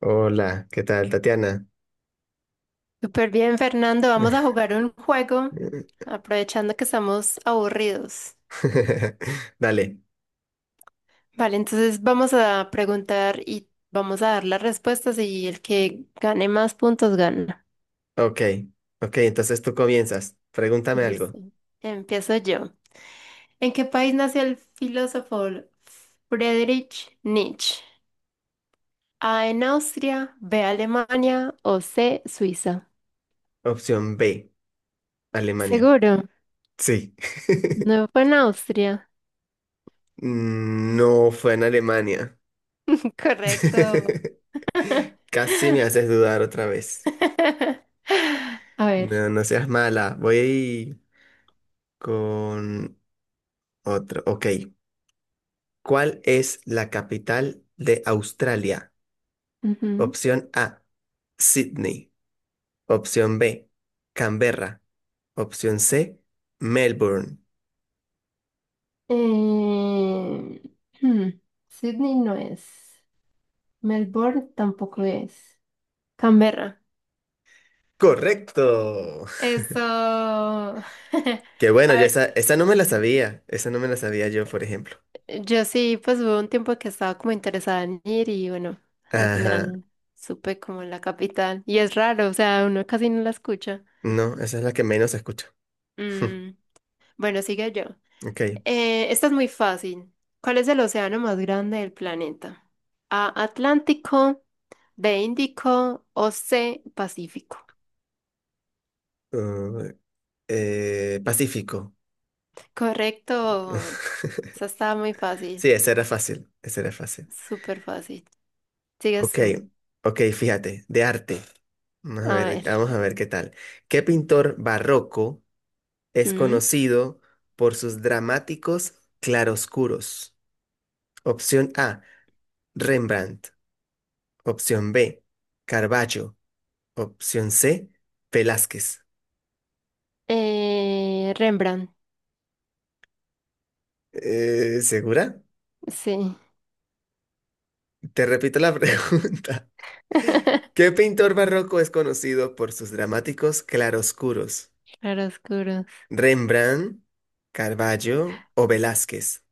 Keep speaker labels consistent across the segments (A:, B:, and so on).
A: Hola, ¿qué tal, Tatiana?
B: Súper bien, Fernando. Vamos a jugar un juego, aprovechando que estamos aburridos.
A: Dale,
B: Vale, entonces vamos a preguntar y vamos a dar las respuestas y el que gane más puntos gana.
A: ok, ok, entonces tú comienzas. Pregúntame algo.
B: Listo. Empiezo yo. ¿En qué país nació el filósofo Friedrich Nietzsche? A, en Austria, B, Alemania o C, Suiza.
A: Opción B, Alemania.
B: ¿Seguro?
A: Sí.
B: No fue en Austria.
A: No fue en Alemania.
B: Correcto.
A: Casi me haces dudar otra vez.
B: A ver.
A: No, no seas mala. Voy con otro. Ok, ¿cuál es la capital de Australia?
B: Ujú.
A: Opción A, Sydney. Opción B, Canberra. Opción C, Melbourne.
B: Eh, hmm, Sydney no es. Melbourne tampoco es. Canberra.
A: Correcto.
B: Eso. A
A: Que bueno, yo
B: ver,
A: esa, esa no me la sabía. Esa no me la sabía yo, por ejemplo.
B: yo sí, pues hubo un tiempo que estaba como interesada en ir y bueno, al
A: Ajá.
B: final supe como la capital. Y es raro, o sea, uno casi no la escucha.
A: No, esa es la que menos escucho.
B: Mm, bueno, sigue yo.
A: Ok.
B: Esta es muy fácil. ¿Cuál es el océano más grande del planeta? A, Atlántico, B, Índico o C, Pacífico.
A: Uh, Pacífico.
B: Correcto. Esa está muy fácil,
A: Sí, esa era fácil. Esa era fácil.
B: súper fácil. Sigues
A: Ok.
B: tú.
A: Ok, fíjate. De arte.
B: A ver.
A: Vamos a ver qué tal. ¿Qué pintor barroco es
B: ¿Mm?
A: conocido por sus dramáticos claroscuros? Opción A, Rembrandt. Opción B, Carballo. Opción C, Velázquez.
B: Rembrandt,
A: ¿Segura?
B: sí.
A: Te repito la pregunta. ¿Qué pintor barroco es conocido por sus dramáticos claroscuros?
B: Claroscuros.
A: ¿Rembrandt, Carballo o Velázquez?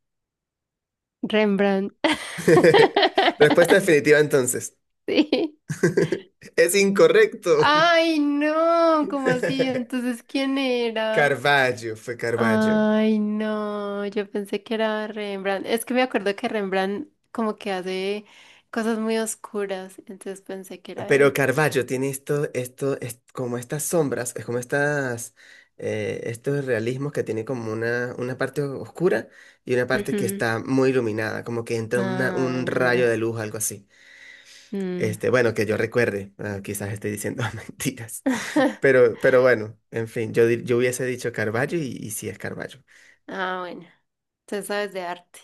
B: Rembrandt.
A: Respuesta definitiva entonces.
B: Sí.
A: Es incorrecto.
B: Ay, no, ¿cómo así? Entonces, ¿quién era?
A: Carballo, fue Carballo.
B: Ay, no, yo pensé que era Rembrandt. Es que me acuerdo que Rembrandt como que hace cosas muy oscuras, entonces pensé que era
A: Pero
B: él.
A: Caravaggio tiene esto, es como estas sombras, es como estas, estos realismos que tiene como una parte oscura y una parte que
B: Ujú.
A: está muy iluminada, como que entra
B: Ah,
A: un rayo de
B: ya.
A: luz, algo así.
B: Mm.
A: Este, bueno, que yo recuerde, ah, quizás esté diciendo mentiras, pero bueno, en fin, yo, yo hubiese dicho Caravaggio y sí es Caravaggio,
B: Ah, bueno, entonces sabes de arte.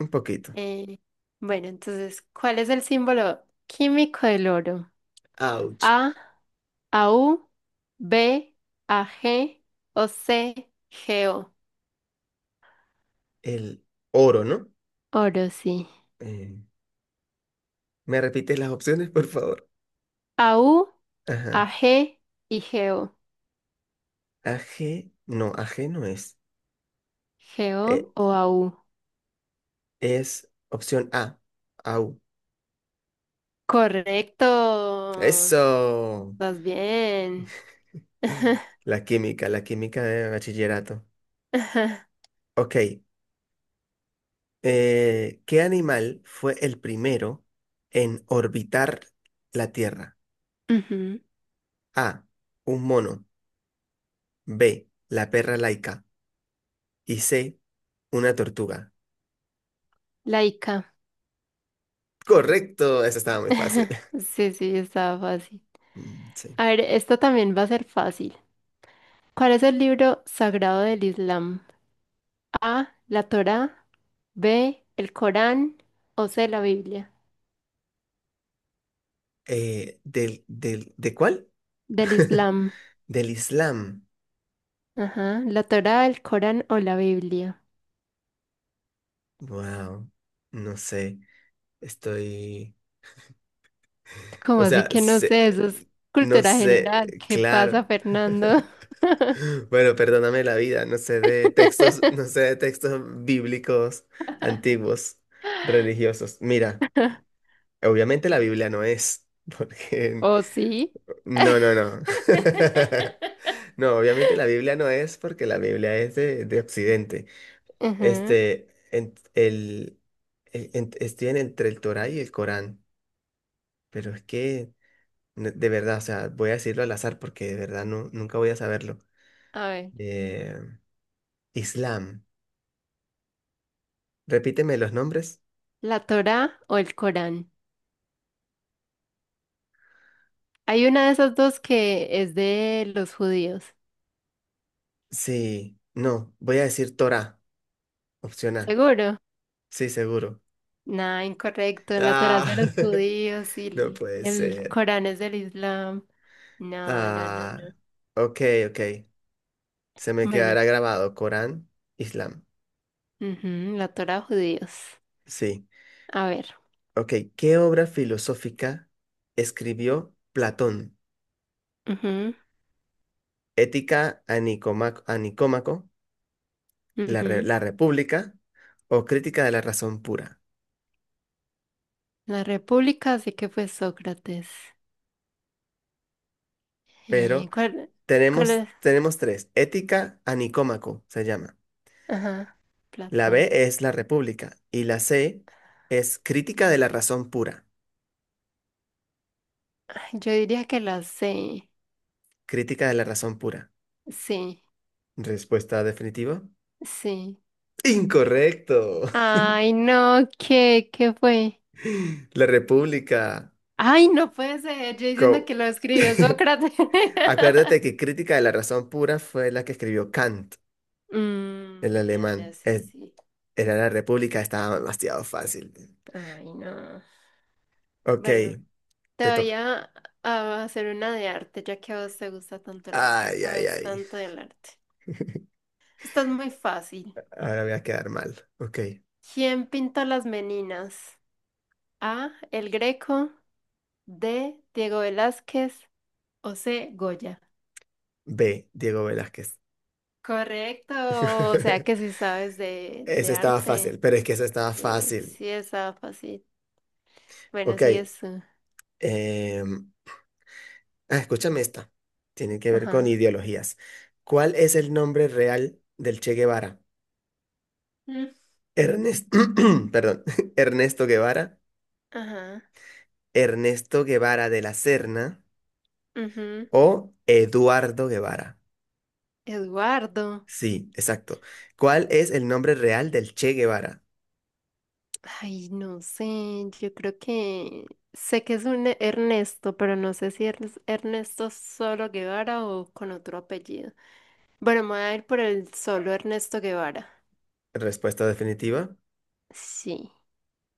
A: un poquito.
B: Eh, bueno, entonces, ¿cuál es el símbolo químico del oro?
A: Ouch,
B: A, AU, B, AG o C, GO.
A: el oro, ¿no?
B: Oro, sí.
A: Eh, ¿Me repites las opciones, por favor?
B: AU,
A: Ajá.
B: AG y GO.
A: Aje no, aje no es.
B: G
A: Eh,
B: o A U.
A: es opción A. Au.
B: Correcto.
A: Eso.
B: Vas bien.
A: La química de bachillerato.
B: Ajá.
A: Ok. ¿Qué animal fue el primero en orbitar la Tierra?
B: Ujú,
A: A. Un mono. B. La perra laica. Y C. Una tortuga.
B: Laica.
A: Correcto. Esa estaba muy fácil.
B: Sí, sí, estaba fácil.
A: Mm, sí.
B: A ver, esto también va a ser fácil. ¿Cuál es el libro sagrado del Islam? A, la Torá, B, el Corán o C, la Biblia.
A: ¿De cuál?
B: Del Islam.
A: Del Islam.
B: Ajá, la Torá, el Corán o la Biblia.
A: Wow. No sé. Estoy.
B: ¿Cómo
A: O
B: así
A: sea,
B: que no sé?
A: se-
B: Eso es
A: no
B: cultura general.
A: sé,
B: ¿Qué pasa,
A: claro.
B: Fernando?
A: Bueno, perdóname la vida, no sé de textos, no sé de textos bíblicos antiguos, religiosos. Mira, obviamente la Biblia no es, porque...
B: ¿O sí?
A: No, no, no. No, obviamente la Biblia no es porque la Biblia es de Occidente.
B: Ajá.
A: Este, estoy en entre el Torá y el Corán, pero es que... No, de verdad, o sea, voy a decirlo al azar porque de verdad no, nunca voy a saberlo.
B: A ver,
A: Eh, Islam. Repíteme los nombres.
B: ¿la Torá o el Corán? Hay una de esas dos que es de los judíos.
A: Sí, no, voy a decir Torah, opción A.
B: ¿Seguro?
A: Sí, seguro.
B: Nah, incorrecto. La Torá es
A: Ah,
B: de los judíos y
A: no
B: el
A: puede
B: el
A: ser.
B: Corán es del Islam. No, no, no,
A: Ah,
B: no.
A: ok, ok. Se me
B: Bueno,
A: quedará grabado Corán, Islam.
B: ujú, la Torá judíos.
A: Sí,
B: A ver.
A: ok. ¿Qué obra filosófica escribió Platón?
B: Ujú,
A: Ética a Nicómaco,
B: ujú.
A: la República o Crítica de la Razón Pura.
B: La República, así que fue Sócrates.
A: Pero
B: Eh, ¿cuál, cuál
A: tenemos,
B: es?
A: tenemos tres. Ética a Nicómaco se llama.
B: Ajá,
A: La B
B: Platón.
A: es la República y la C es Crítica de la Razón Pura.
B: Yo diría que la sé.
A: Crítica de la Razón Pura.
B: Sí,
A: Respuesta definitiva.
B: sí.
A: Incorrecto.
B: Ay, no, ¿ qué fue?
A: La República.
B: Ay, no puede ser. Yo diciendo
A: Co-
B: que lo escribió Sócrates.
A: Acuérdate que Crítica de la Razón Pura fue la que escribió Kant, el
B: Mm, ya, ya,
A: alemán.
B: sí, sí.
A: Era la República, estaba demasiado fácil.
B: Ay, no.
A: Ok,
B: Bueno, te
A: te
B: voy
A: toca.
B: a, a hacer una de arte, ya que a vos te gusta tanto el arte,
A: Ay, ay,
B: sabes
A: ay.
B: tanto del arte. Esto es muy fácil.
A: Ahora voy a quedar mal. Ok.
B: ¿Quién pintó las Meninas? A, El Greco, D, Diego Velázquez, o C, Goya.
A: B, Diego Velázquez.
B: Correcto, o sea que sí sabes
A: Ese
B: de
A: estaba fácil,
B: arte.
A: pero es que eso estaba
B: Sí,
A: fácil.
B: sí estaba fácil. Bueno,
A: Ok.
B: sí es tú.
A: em, escúchame esta. Tiene que ver con
B: Ajá.
A: ideologías. ¿Cuál es el nombre real del Che Guevara?
B: Mm.
A: Ernest, perdón, Ernesto Guevara,
B: Ajá.
A: Ernesto Guevara de la Serna
B: Ujú.
A: o Eduardo Guevara.
B: Eduardo.
A: Sí, exacto. ¿Cuál es el nombre real del Che Guevara?
B: Ay, no sé, yo creo que sé que es un Ernesto, pero no sé si es Ernesto Solo Guevara o con otro apellido. Bueno, me voy a ir por el solo Ernesto Guevara.
A: Respuesta definitiva.
B: Sí.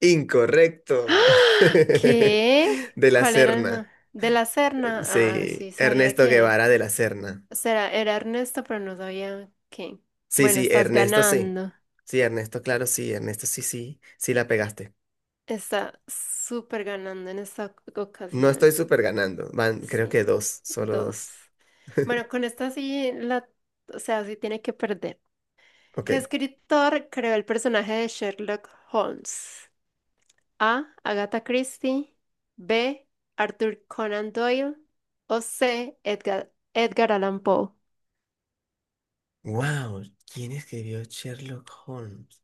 A: Incorrecto.
B: ¡Ah! ¿Qué?
A: De la
B: ¿Cuál era el
A: Serna.
B: ¿de la Serna? Ah,
A: Sí,
B: sí, sabía
A: Ernesto
B: que.
A: Guevara de la Serna.
B: Será, era Ernesto, pero no sabía qué. Bueno, estás
A: Sí.
B: ganando.
A: Sí, Ernesto, claro, sí, Ernesto sí, sí, sí la pegaste.
B: Está súper ganando en esta
A: No estoy
B: ocasión.
A: súper ganando. Van, creo
B: Sí,
A: que dos, solo
B: dos.
A: dos.
B: Bueno, con esta o sea, sí tiene que perder.
A: Ok.
B: ¿Qué escritor creó el personaje de Sherlock Holmes? A, Agatha Christie, B, Arthur Conan Doyle, o C, Edgar Allan Poe.
A: Wow, ¿quién escribió Sherlock Holmes?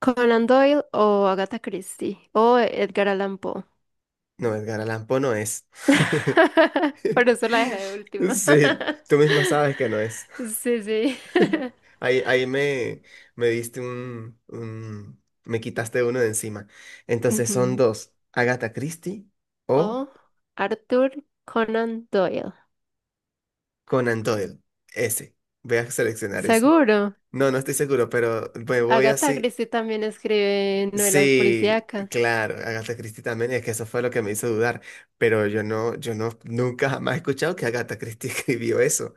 B: Conan Doyle o Agatha Christie o Edgar Allan Poe.
A: No, Edgar Allan Poe no es.
B: Por eso la dejé de última.
A: Sí, tú misma sabes que no es.
B: Sí, sí.
A: Ahí me diste me quitaste uno de encima. Entonces son
B: Ujú.
A: dos. Agatha Christie o
B: O Arthur Conan Doyle.
A: Conan Doyle. Ese. Voy a seleccionar ese.
B: Seguro.
A: No, no estoy seguro, pero me voy
B: Agatha
A: así.
B: Christie también escribe novelas
A: Sí,
B: policíacas.
A: claro, Agatha Christie también, es que eso fue lo que me hizo dudar, pero yo no, nunca jamás he escuchado que Agatha Christie escribió eso.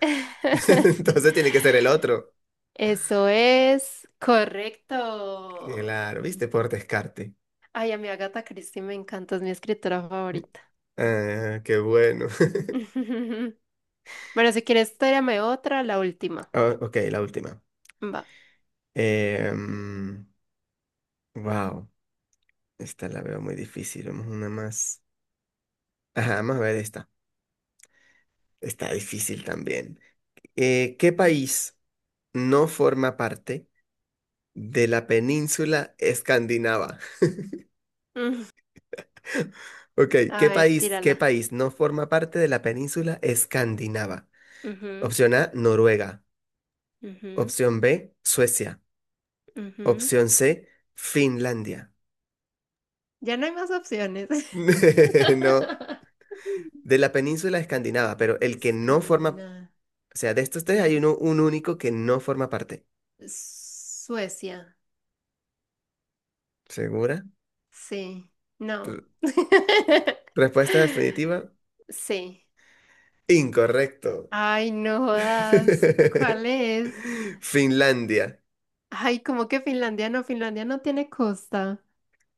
A: Entonces tiene que ser el otro.
B: Eso es correcto.
A: Claro, viste, por descarte.
B: Ay, a mi Agatha Christie me encanta, es mi escritora favorita.
A: Ah, qué bueno.
B: Bueno, si quieres, tírame otra, la última.
A: Ah, ok, la última.
B: Va.
A: Wow, esta la veo muy difícil. Vamos a una más. Ajá, vamos a ver esta. Está difícil también. ¿Qué país no forma parte de la península escandinava? Ok,
B: A ver,
A: ¿qué
B: tírala.
A: país no forma parte de la península escandinava?
B: Ujú.
A: Opción A, Noruega.
B: Ujú,
A: Opción B, Suecia.
B: ujú.
A: Opción C, Finlandia.
B: Ya no hay más opciones.
A: No, de la península escandinava, pero el que no forma.
B: Escandinavia.
A: O sea, de estos tres hay uno, un único que no forma parte.
B: Suecia.
A: ¿Segura?
B: Sí. No.
A: Respuesta definitiva,
B: Sí.
A: incorrecto.
B: Ay, no jodas. ¿Cuál es?
A: Finlandia,
B: Ay, como que Finlandia no? Finlandia no tiene costa.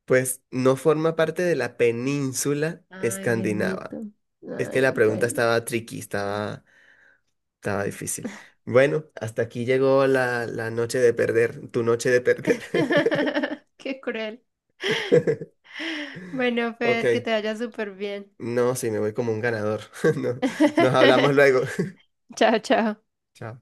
A: pues no forma parte de la península
B: Ay,
A: escandinava.
B: bendito.
A: Es que la
B: Ay,
A: pregunta
B: bueno.
A: estaba tricky, estaba, estaba difícil. Bueno, hasta aquí llegó la noche de perder, tu noche de perder.
B: Qué cruel. Bueno,
A: Ok,
B: Fer, que te vaya súper bien.
A: no, sí, me voy como un ganador. No, nos hablamos luego.
B: Chao, chao.
A: Chao.